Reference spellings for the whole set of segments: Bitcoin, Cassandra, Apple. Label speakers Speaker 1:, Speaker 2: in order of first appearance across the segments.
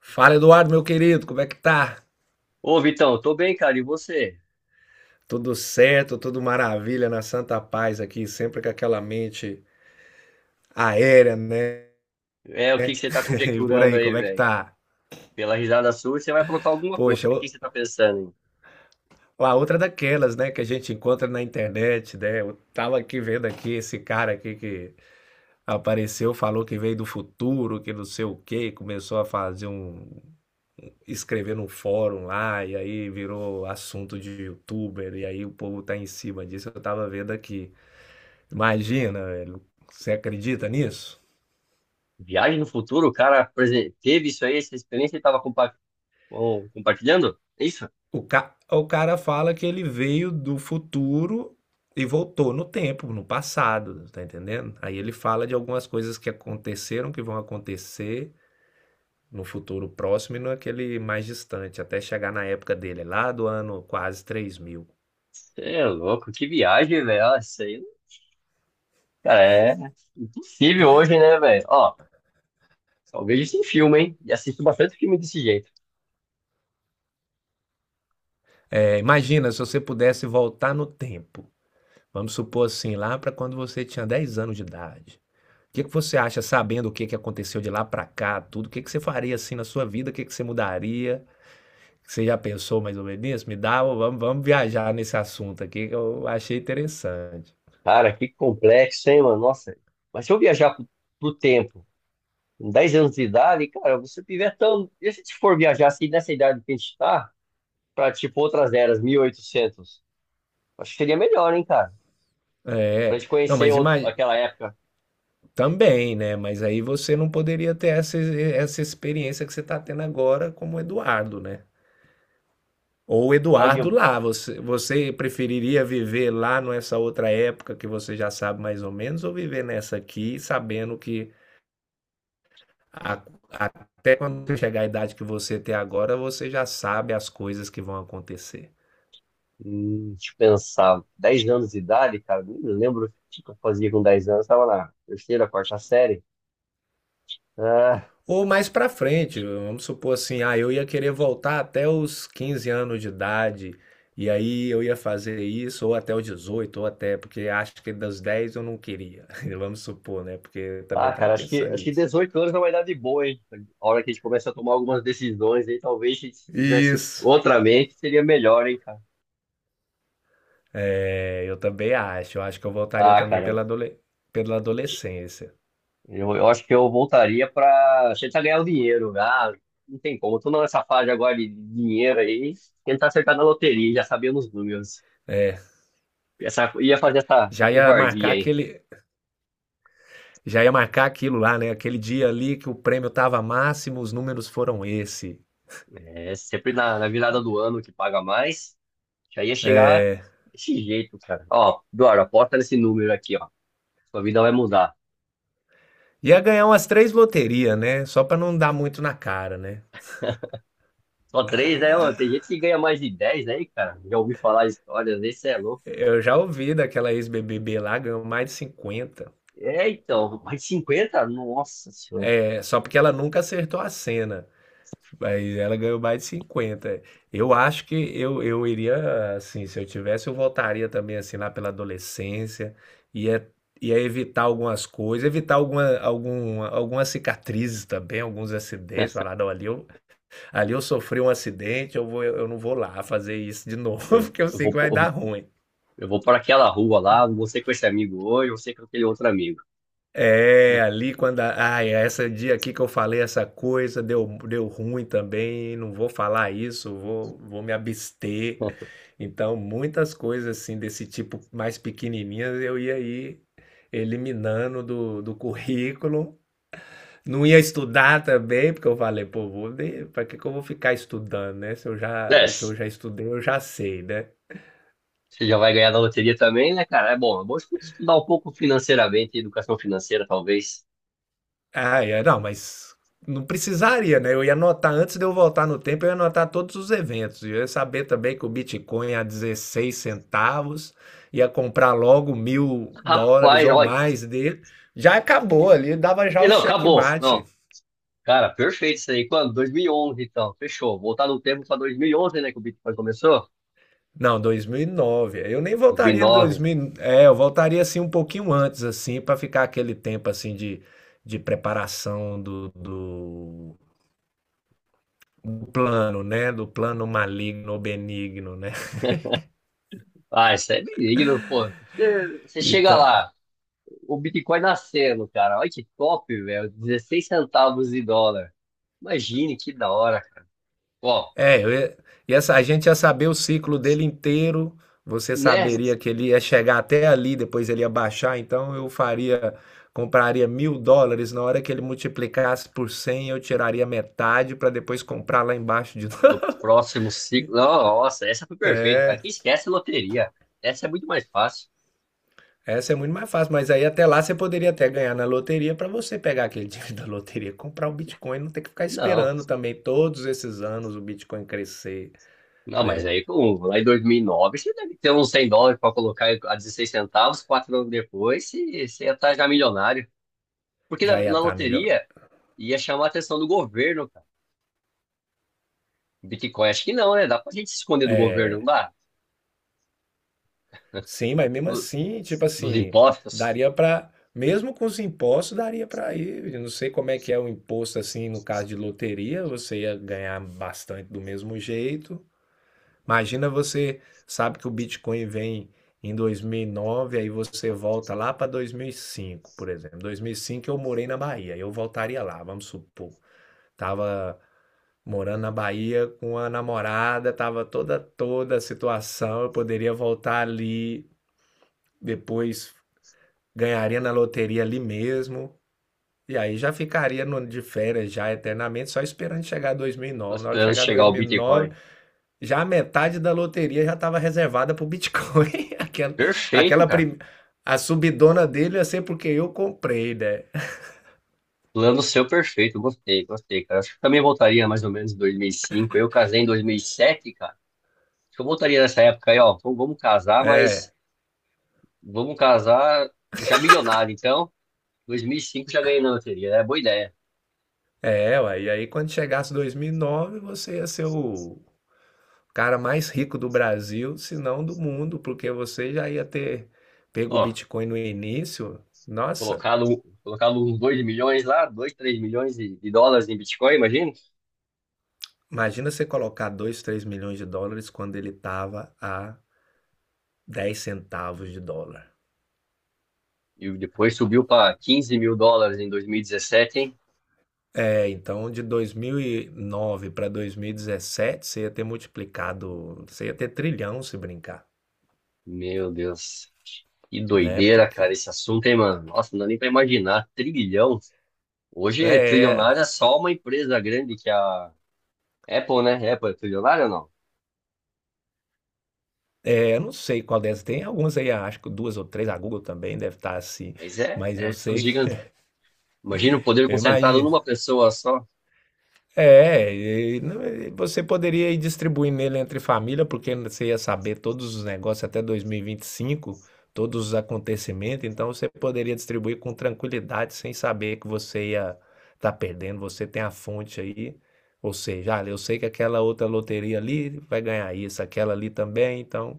Speaker 1: Fala, Eduardo, meu querido, como é que tá?
Speaker 2: Ô, Vitão, eu tô bem, cara. E você?
Speaker 1: Tudo certo, tudo maravilha, na santa paz aqui, sempre com aquela mente aérea, né?
Speaker 2: É, o que que você tá
Speaker 1: E por
Speaker 2: conjecturando
Speaker 1: aí,
Speaker 2: aí,
Speaker 1: como é que
Speaker 2: velho?
Speaker 1: tá?
Speaker 2: Pela risada sua, você vai aprontar alguma coisa.
Speaker 1: Poxa,
Speaker 2: O que que você tá pensando
Speaker 1: a outra é daquelas, né, que a gente encontra na internet, né? Eu tava aqui vendo aqui esse cara aqui que apareceu, falou que veio do futuro, que não sei o quê, começou a escrever num fórum lá, e aí virou assunto de youtuber, e aí o povo tá em cima disso, eu tava vendo aqui. Imagina, velho. Você acredita nisso?
Speaker 2: em? Viagem no futuro? O cara teve isso aí, essa experiência e tava compartilhando? É isso?
Speaker 1: O cara fala que ele veio do futuro e voltou no tempo, no passado, tá entendendo? Aí ele fala de algumas coisas que aconteceram, que vão acontecer no futuro próximo e naquele mais distante, até chegar na época dele, lá do ano quase 3000.
Speaker 2: Você é louco, que viagem, velho. Ah, isso aí, cara, é impossível hoje, né, velho? Ó, só vejo isso em filme, hein? E assisto bastante filme desse jeito.
Speaker 1: É, imagina se você pudesse voltar no tempo. Vamos supor assim, lá para quando você tinha 10 anos de idade. O que que você acha, sabendo o que que aconteceu de lá para cá, tudo? O que que você faria assim na sua vida? O que que você mudaria? Você já pensou mais ou menos nisso? Me dá, vamos viajar nesse assunto aqui que eu achei interessante.
Speaker 2: Cara, que complexo, hein, mano? Nossa. Mas se eu viajar pro tempo, com 10 anos de idade, cara, você tiver tão. E se a gente for viajar assim nessa idade que a gente tá, pra tipo outras eras, 1800 acho que seria melhor, hein, cara? Pra
Speaker 1: É,
Speaker 2: gente
Speaker 1: não,
Speaker 2: conhecer
Speaker 1: mas imagina.
Speaker 2: aquela época.
Speaker 1: Também, né? Mas aí você não poderia ter essa experiência que você está tendo agora como Eduardo, né? Ou
Speaker 2: Fala
Speaker 1: Eduardo
Speaker 2: de.
Speaker 1: lá, você preferiria viver lá nessa outra época que você já sabe mais ou menos, ou viver nessa aqui sabendo que A- até quando você chegar à idade que você tem agora, você já sabe as coisas que vão acontecer.
Speaker 2: Deixa eu pensar, 10 anos de idade, cara, nem lembro o que eu fazia com 10 anos, tava na terceira, quarta série. Ah,
Speaker 1: Ou mais pra frente, vamos supor assim, ah, eu ia querer voltar até os 15 anos de idade, e aí eu ia fazer isso, ou até os 18 ou até, porque acho que dos 10 eu não queria. Vamos supor, né? Porque eu
Speaker 2: ah,
Speaker 1: também tava
Speaker 2: cara, acho que,
Speaker 1: pensando
Speaker 2: acho que
Speaker 1: nisso.
Speaker 2: 18 anos é uma idade boa, hein? A hora que a gente começa a tomar algumas decisões aí, talvez se tivesse
Speaker 1: Isso.
Speaker 2: outra mente, seria melhor, hein, cara?
Speaker 1: É, eu também acho. Eu acho que eu voltaria
Speaker 2: Ah,
Speaker 1: também
Speaker 2: cara,
Speaker 1: pela adolescência.
Speaker 2: eu acho que eu voltaria para tentar ganhar o dinheiro. Ah, não tem como. Tô nessa fase agora de dinheiro aí. Tentar acertar na loteria, já sabia os números.
Speaker 1: É.
Speaker 2: Ia fazer essa
Speaker 1: Já ia marcar
Speaker 2: covardia aí.
Speaker 1: aquele. Já ia marcar aquilo lá, né? Aquele dia ali que o prêmio tava máximo, os números foram esse.
Speaker 2: É sempre na virada do ano que paga mais. Já ia chegar desse jeito, cara. Ó, Eduardo, aposta nesse número aqui, ó. Sua vida vai mudar.
Speaker 1: Ia ganhar umas três loterias, né? Só pra não dar muito na cara, né?
Speaker 2: Só três, né? Ó, tem gente que ganha mais de 10, aí, cara. Já ouvi falar histórias, esse é louco.
Speaker 1: Eu já ouvi daquela ex-BBB lá, ganhou mais de 50.
Speaker 2: É, então, mais de 50? Nossa senhora.
Speaker 1: É, só porque ela nunca acertou a cena. Mas ela ganhou mais de 50. Eu acho que eu iria, assim, se eu tivesse, eu voltaria também, assim, lá pela adolescência. Ia, ia evitar algumas coisas, evitar algumas cicatrizes também, alguns acidentes. Falar, não, ali eu sofri um acidente, eu não vou lá fazer isso de novo,
Speaker 2: Eu,
Speaker 1: porque eu
Speaker 2: eu
Speaker 1: sei
Speaker 2: vou,
Speaker 1: que
Speaker 2: eu
Speaker 1: vai
Speaker 2: vou
Speaker 1: dar ruim.
Speaker 2: Eu vou para aquela rua lá, vou ser com esse amigo hoje, vou ser com aquele outro amigo.
Speaker 1: É, ali quando. A, ai, esse dia aqui que eu falei essa coisa, deu ruim também, não vou falar isso, vou me abster. Então, muitas coisas assim desse tipo mais pequenininhas eu ia aí eliminando do currículo. Não ia estudar também, porque eu falei, pô, vou, para que que eu vou ficar estudando, né? Se eu já, o que
Speaker 2: Desce.
Speaker 1: eu já estudei, eu já sei, né?
Speaker 2: Você já vai ganhar da loteria também, né, cara? É bom estudar um pouco financeiramente, educação financeira, talvez.
Speaker 1: Ah, é, não, mas não precisaria, né? Eu ia anotar, antes de eu voltar no tempo, eu ia anotar todos os eventos. Eu ia saber também que o Bitcoin a 16 centavos, ia comprar logo 1000 dólares
Speaker 2: Rapaz,
Speaker 1: ou
Speaker 2: olha.
Speaker 1: mais dele. Já acabou ali, dava já o
Speaker 2: Não, acabou.
Speaker 1: checkmate.
Speaker 2: Não, cara, perfeito isso aí. Quando? 2011, então. Fechou. Voltar no tempo para 2011, né, que o Bitcoin começou?
Speaker 1: Não, dois mil e nove. Eu nem voltaria em
Speaker 2: 2009.
Speaker 1: 2000. É, eu voltaria assim um pouquinho antes, assim, para ficar aquele tempo assim de preparação do plano, né? Do plano maligno ou benigno, né?
Speaker 2: Ah, isso é benigno, pô. Você
Speaker 1: E
Speaker 2: chega
Speaker 1: tá.
Speaker 2: lá, o Bitcoin nascendo, cara. Olha que top, velho. 16 centavos de dólar. Imagine que da hora, cara. Ó,
Speaker 1: É, eu ia- e essa, a gente ia saber o ciclo dele inteiro, você
Speaker 2: né?
Speaker 1: saberia que ele ia chegar até ali, depois ele ia baixar, então eu faria, compraria 1000 dólares, na hora que ele multiplicasse por 100, eu tiraria metade para depois comprar lá embaixo de novo.
Speaker 2: No próximo ciclo. Não, nossa, essa foi perfeita, cara. Quem esquece loteria? Essa é muito mais fácil.
Speaker 1: Essa é muito mais fácil, mas aí até lá você poderia até ganhar na loteria para você pegar aquele dinheiro da loteria, comprar o Bitcoin, não ter que ficar
Speaker 2: Não,
Speaker 1: esperando também todos esses anos o Bitcoin crescer,
Speaker 2: não, mas
Speaker 1: né?
Speaker 2: aí lá em 2009 você deve ter uns 100 dólares para colocar a 16 centavos. 4 anos depois você ia estar já milionário. Porque
Speaker 1: Já
Speaker 2: na,
Speaker 1: ia
Speaker 2: na
Speaker 1: estar melhor.
Speaker 2: loteria ia chamar a atenção do governo, cara. Bitcoin, acho que não, né? Dá pra gente se esconder do governo, não
Speaker 1: É,
Speaker 2: dá?
Speaker 1: sim, mas mesmo
Speaker 2: Do-
Speaker 1: assim, tipo
Speaker 2: Dos
Speaker 1: assim,
Speaker 2: impostos.
Speaker 1: daria pra. Mesmo com os impostos, daria pra ir. Eu não sei como é que é o imposto assim no caso de loteria, você ia ganhar bastante do mesmo jeito. Imagina, você sabe que o Bitcoin vem em dois mil e nove, aí você volta lá para 2005 por exemplo. Dois mil e cinco eu morei na Bahia, eu voltaria lá, vamos supor. Tava morando na Bahia com a namorada, tava toda a situação, eu poderia voltar ali depois, ganharia na loteria ali mesmo. E aí já ficaria no, de férias já eternamente, só esperando chegar
Speaker 2: Tô
Speaker 1: 2009. Na hora que
Speaker 2: esperando
Speaker 1: chegar
Speaker 2: chegar o Bitcoin.
Speaker 1: 2009, já a metade da loteria já estava reservada para o Bitcoin.
Speaker 2: Perfeito,
Speaker 1: Aquela
Speaker 2: cara.
Speaker 1: prim... A subidona dele ia ser porque eu comprei, né?
Speaker 2: Plano seu perfeito, gostei, gostei, cara. Acho que eu também voltaria mais ou menos em 2005. Eu casei em 2007, cara. Acho que eu voltaria nessa época aí, ó. Vamos casar, mas
Speaker 1: É,
Speaker 2: vamos casar já milionário. Então, 2005 já ganhei na loteria, é boa ideia.
Speaker 1: ué. E aí quando chegasse 2009, você ia ser o cara mais rico do Brasil, se não do mundo, porque você já ia ter pego o
Speaker 2: Ó,
Speaker 1: Bitcoin no início. Nossa,
Speaker 2: colocado, colocar uns 2 milhões lá, 2, 3 milhões de dólares em Bitcoin, imagina.
Speaker 1: imagina você colocar 2, 3 milhões de dólares quando ele estava a 10 centavos de dólar.
Speaker 2: E depois subiu para 15 mil dólares em 2017, hein?
Speaker 1: É, então de 2009 para 2017 você ia ter multiplicado, você ia ter trilhão se brincar,
Speaker 2: Meu Deus. Que
Speaker 1: né?
Speaker 2: doideira, cara,
Speaker 1: Porque
Speaker 2: esse assunto, hein, mano? Nossa, não dá nem pra imaginar. Trilhão. Hoje,
Speaker 1: é, é,
Speaker 2: trilionário é só uma empresa grande que é a Apple, né? Apple é trilionária ou não?
Speaker 1: eu não sei qual dessas tem, algumas aí acho que duas ou três, a Google também deve estar assim,
Speaker 2: Mas
Speaker 1: mas eu
Speaker 2: são
Speaker 1: sei,
Speaker 2: gigantes. Imagina o poder
Speaker 1: eu
Speaker 2: concentrado
Speaker 1: imagino.
Speaker 2: numa pessoa só.
Speaker 1: É, e não, e você poderia ir distribuindo ele entre família, porque você ia saber todos os negócios até 2025, todos os acontecimentos, então você poderia distribuir com tranquilidade, sem saber que você ia estar perdendo, você tem a fonte aí, ou seja, ah, eu sei que aquela outra loteria ali vai ganhar isso, aquela ali também, então.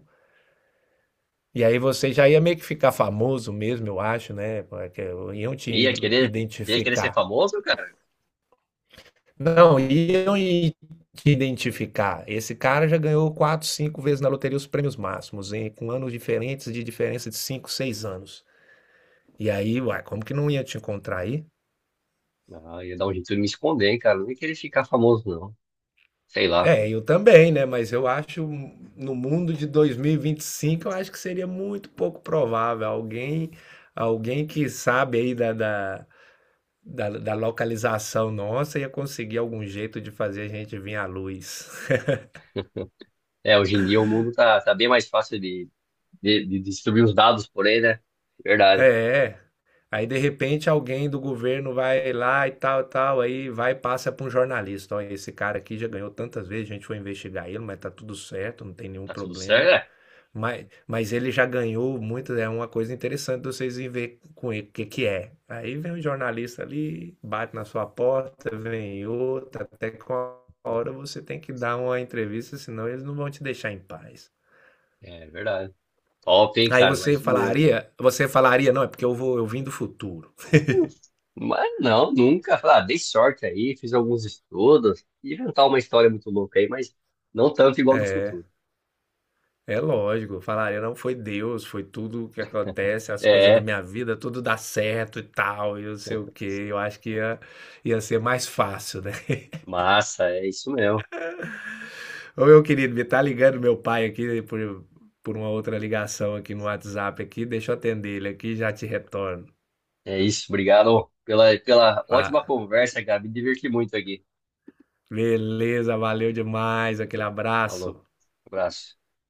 Speaker 1: E aí você já ia meio que ficar famoso mesmo, eu acho, né? Porque iam te
Speaker 2: Ia querer, ia querer ser
Speaker 1: identificar.
Speaker 2: famoso, cara?
Speaker 1: Não, iam e te identificar. Esse cara já ganhou quatro, cinco vezes na loteria os prêmios máximos, em, com anos diferentes, de diferença de cinco, seis anos. E aí, uai, como que não ia te encontrar aí?
Speaker 2: Ah, ia dar um jeito de me esconder, hein, cara? Não ia querer ficar famoso, não. Sei lá.
Speaker 1: É, eu também, né? Mas eu acho, no mundo de 2025, eu acho que seria muito pouco provável alguém, alguém que sabe aí da localização nossa, ia conseguir algum jeito de fazer a gente vir à luz.
Speaker 2: É, hoje em dia o mundo tá bem mais fácil de distribuir os dados por aí, né?
Speaker 1: É.
Speaker 2: Verdade.
Speaker 1: é. Aí de repente alguém do governo vai lá e tal, tal, aí vai e passa para um jornalista. Olha, esse cara aqui já ganhou tantas vezes, a gente foi investigar ele, mas tá tudo certo, não tem nenhum
Speaker 2: Tá tudo certo,
Speaker 1: problema.
Speaker 2: né?
Speaker 1: Mas ele já ganhou muito, é uma coisa interessante de vocês irem ver com ele o que que é. Aí vem um jornalista ali, bate na sua porta, vem outra, até que uma hora você tem que dar uma entrevista, senão eles não vão te deixar em paz.
Speaker 2: É verdade. Top, hein,
Speaker 1: Aí
Speaker 2: cara?
Speaker 1: você
Speaker 2: Imagina.
Speaker 1: falaria, não, é porque eu vim do futuro.
Speaker 2: Mas não, nunca. Falei, ah, dei sorte aí, fiz alguns estudos, inventar uma história muito louca aí, mas não tanto igual do futuro.
Speaker 1: É lógico, falaria, não, foi Deus, foi tudo o que acontece, as coisas na
Speaker 2: É,
Speaker 1: minha vida, tudo dá certo e tal, e não sei o quê. Eu acho que ia ser mais fácil, né?
Speaker 2: massa, é isso mesmo.
Speaker 1: Ô, meu querido, me tá ligando meu pai aqui por uma outra ligação aqui no WhatsApp aqui, deixa eu atender ele aqui e já te retorno.
Speaker 2: É isso, obrigado pela ótima
Speaker 1: Fa-
Speaker 2: conversa, Gabi. Me diverti muito aqui.
Speaker 1: Beleza, valeu demais, aquele
Speaker 2: Falou,
Speaker 1: abraço.
Speaker 2: abraço.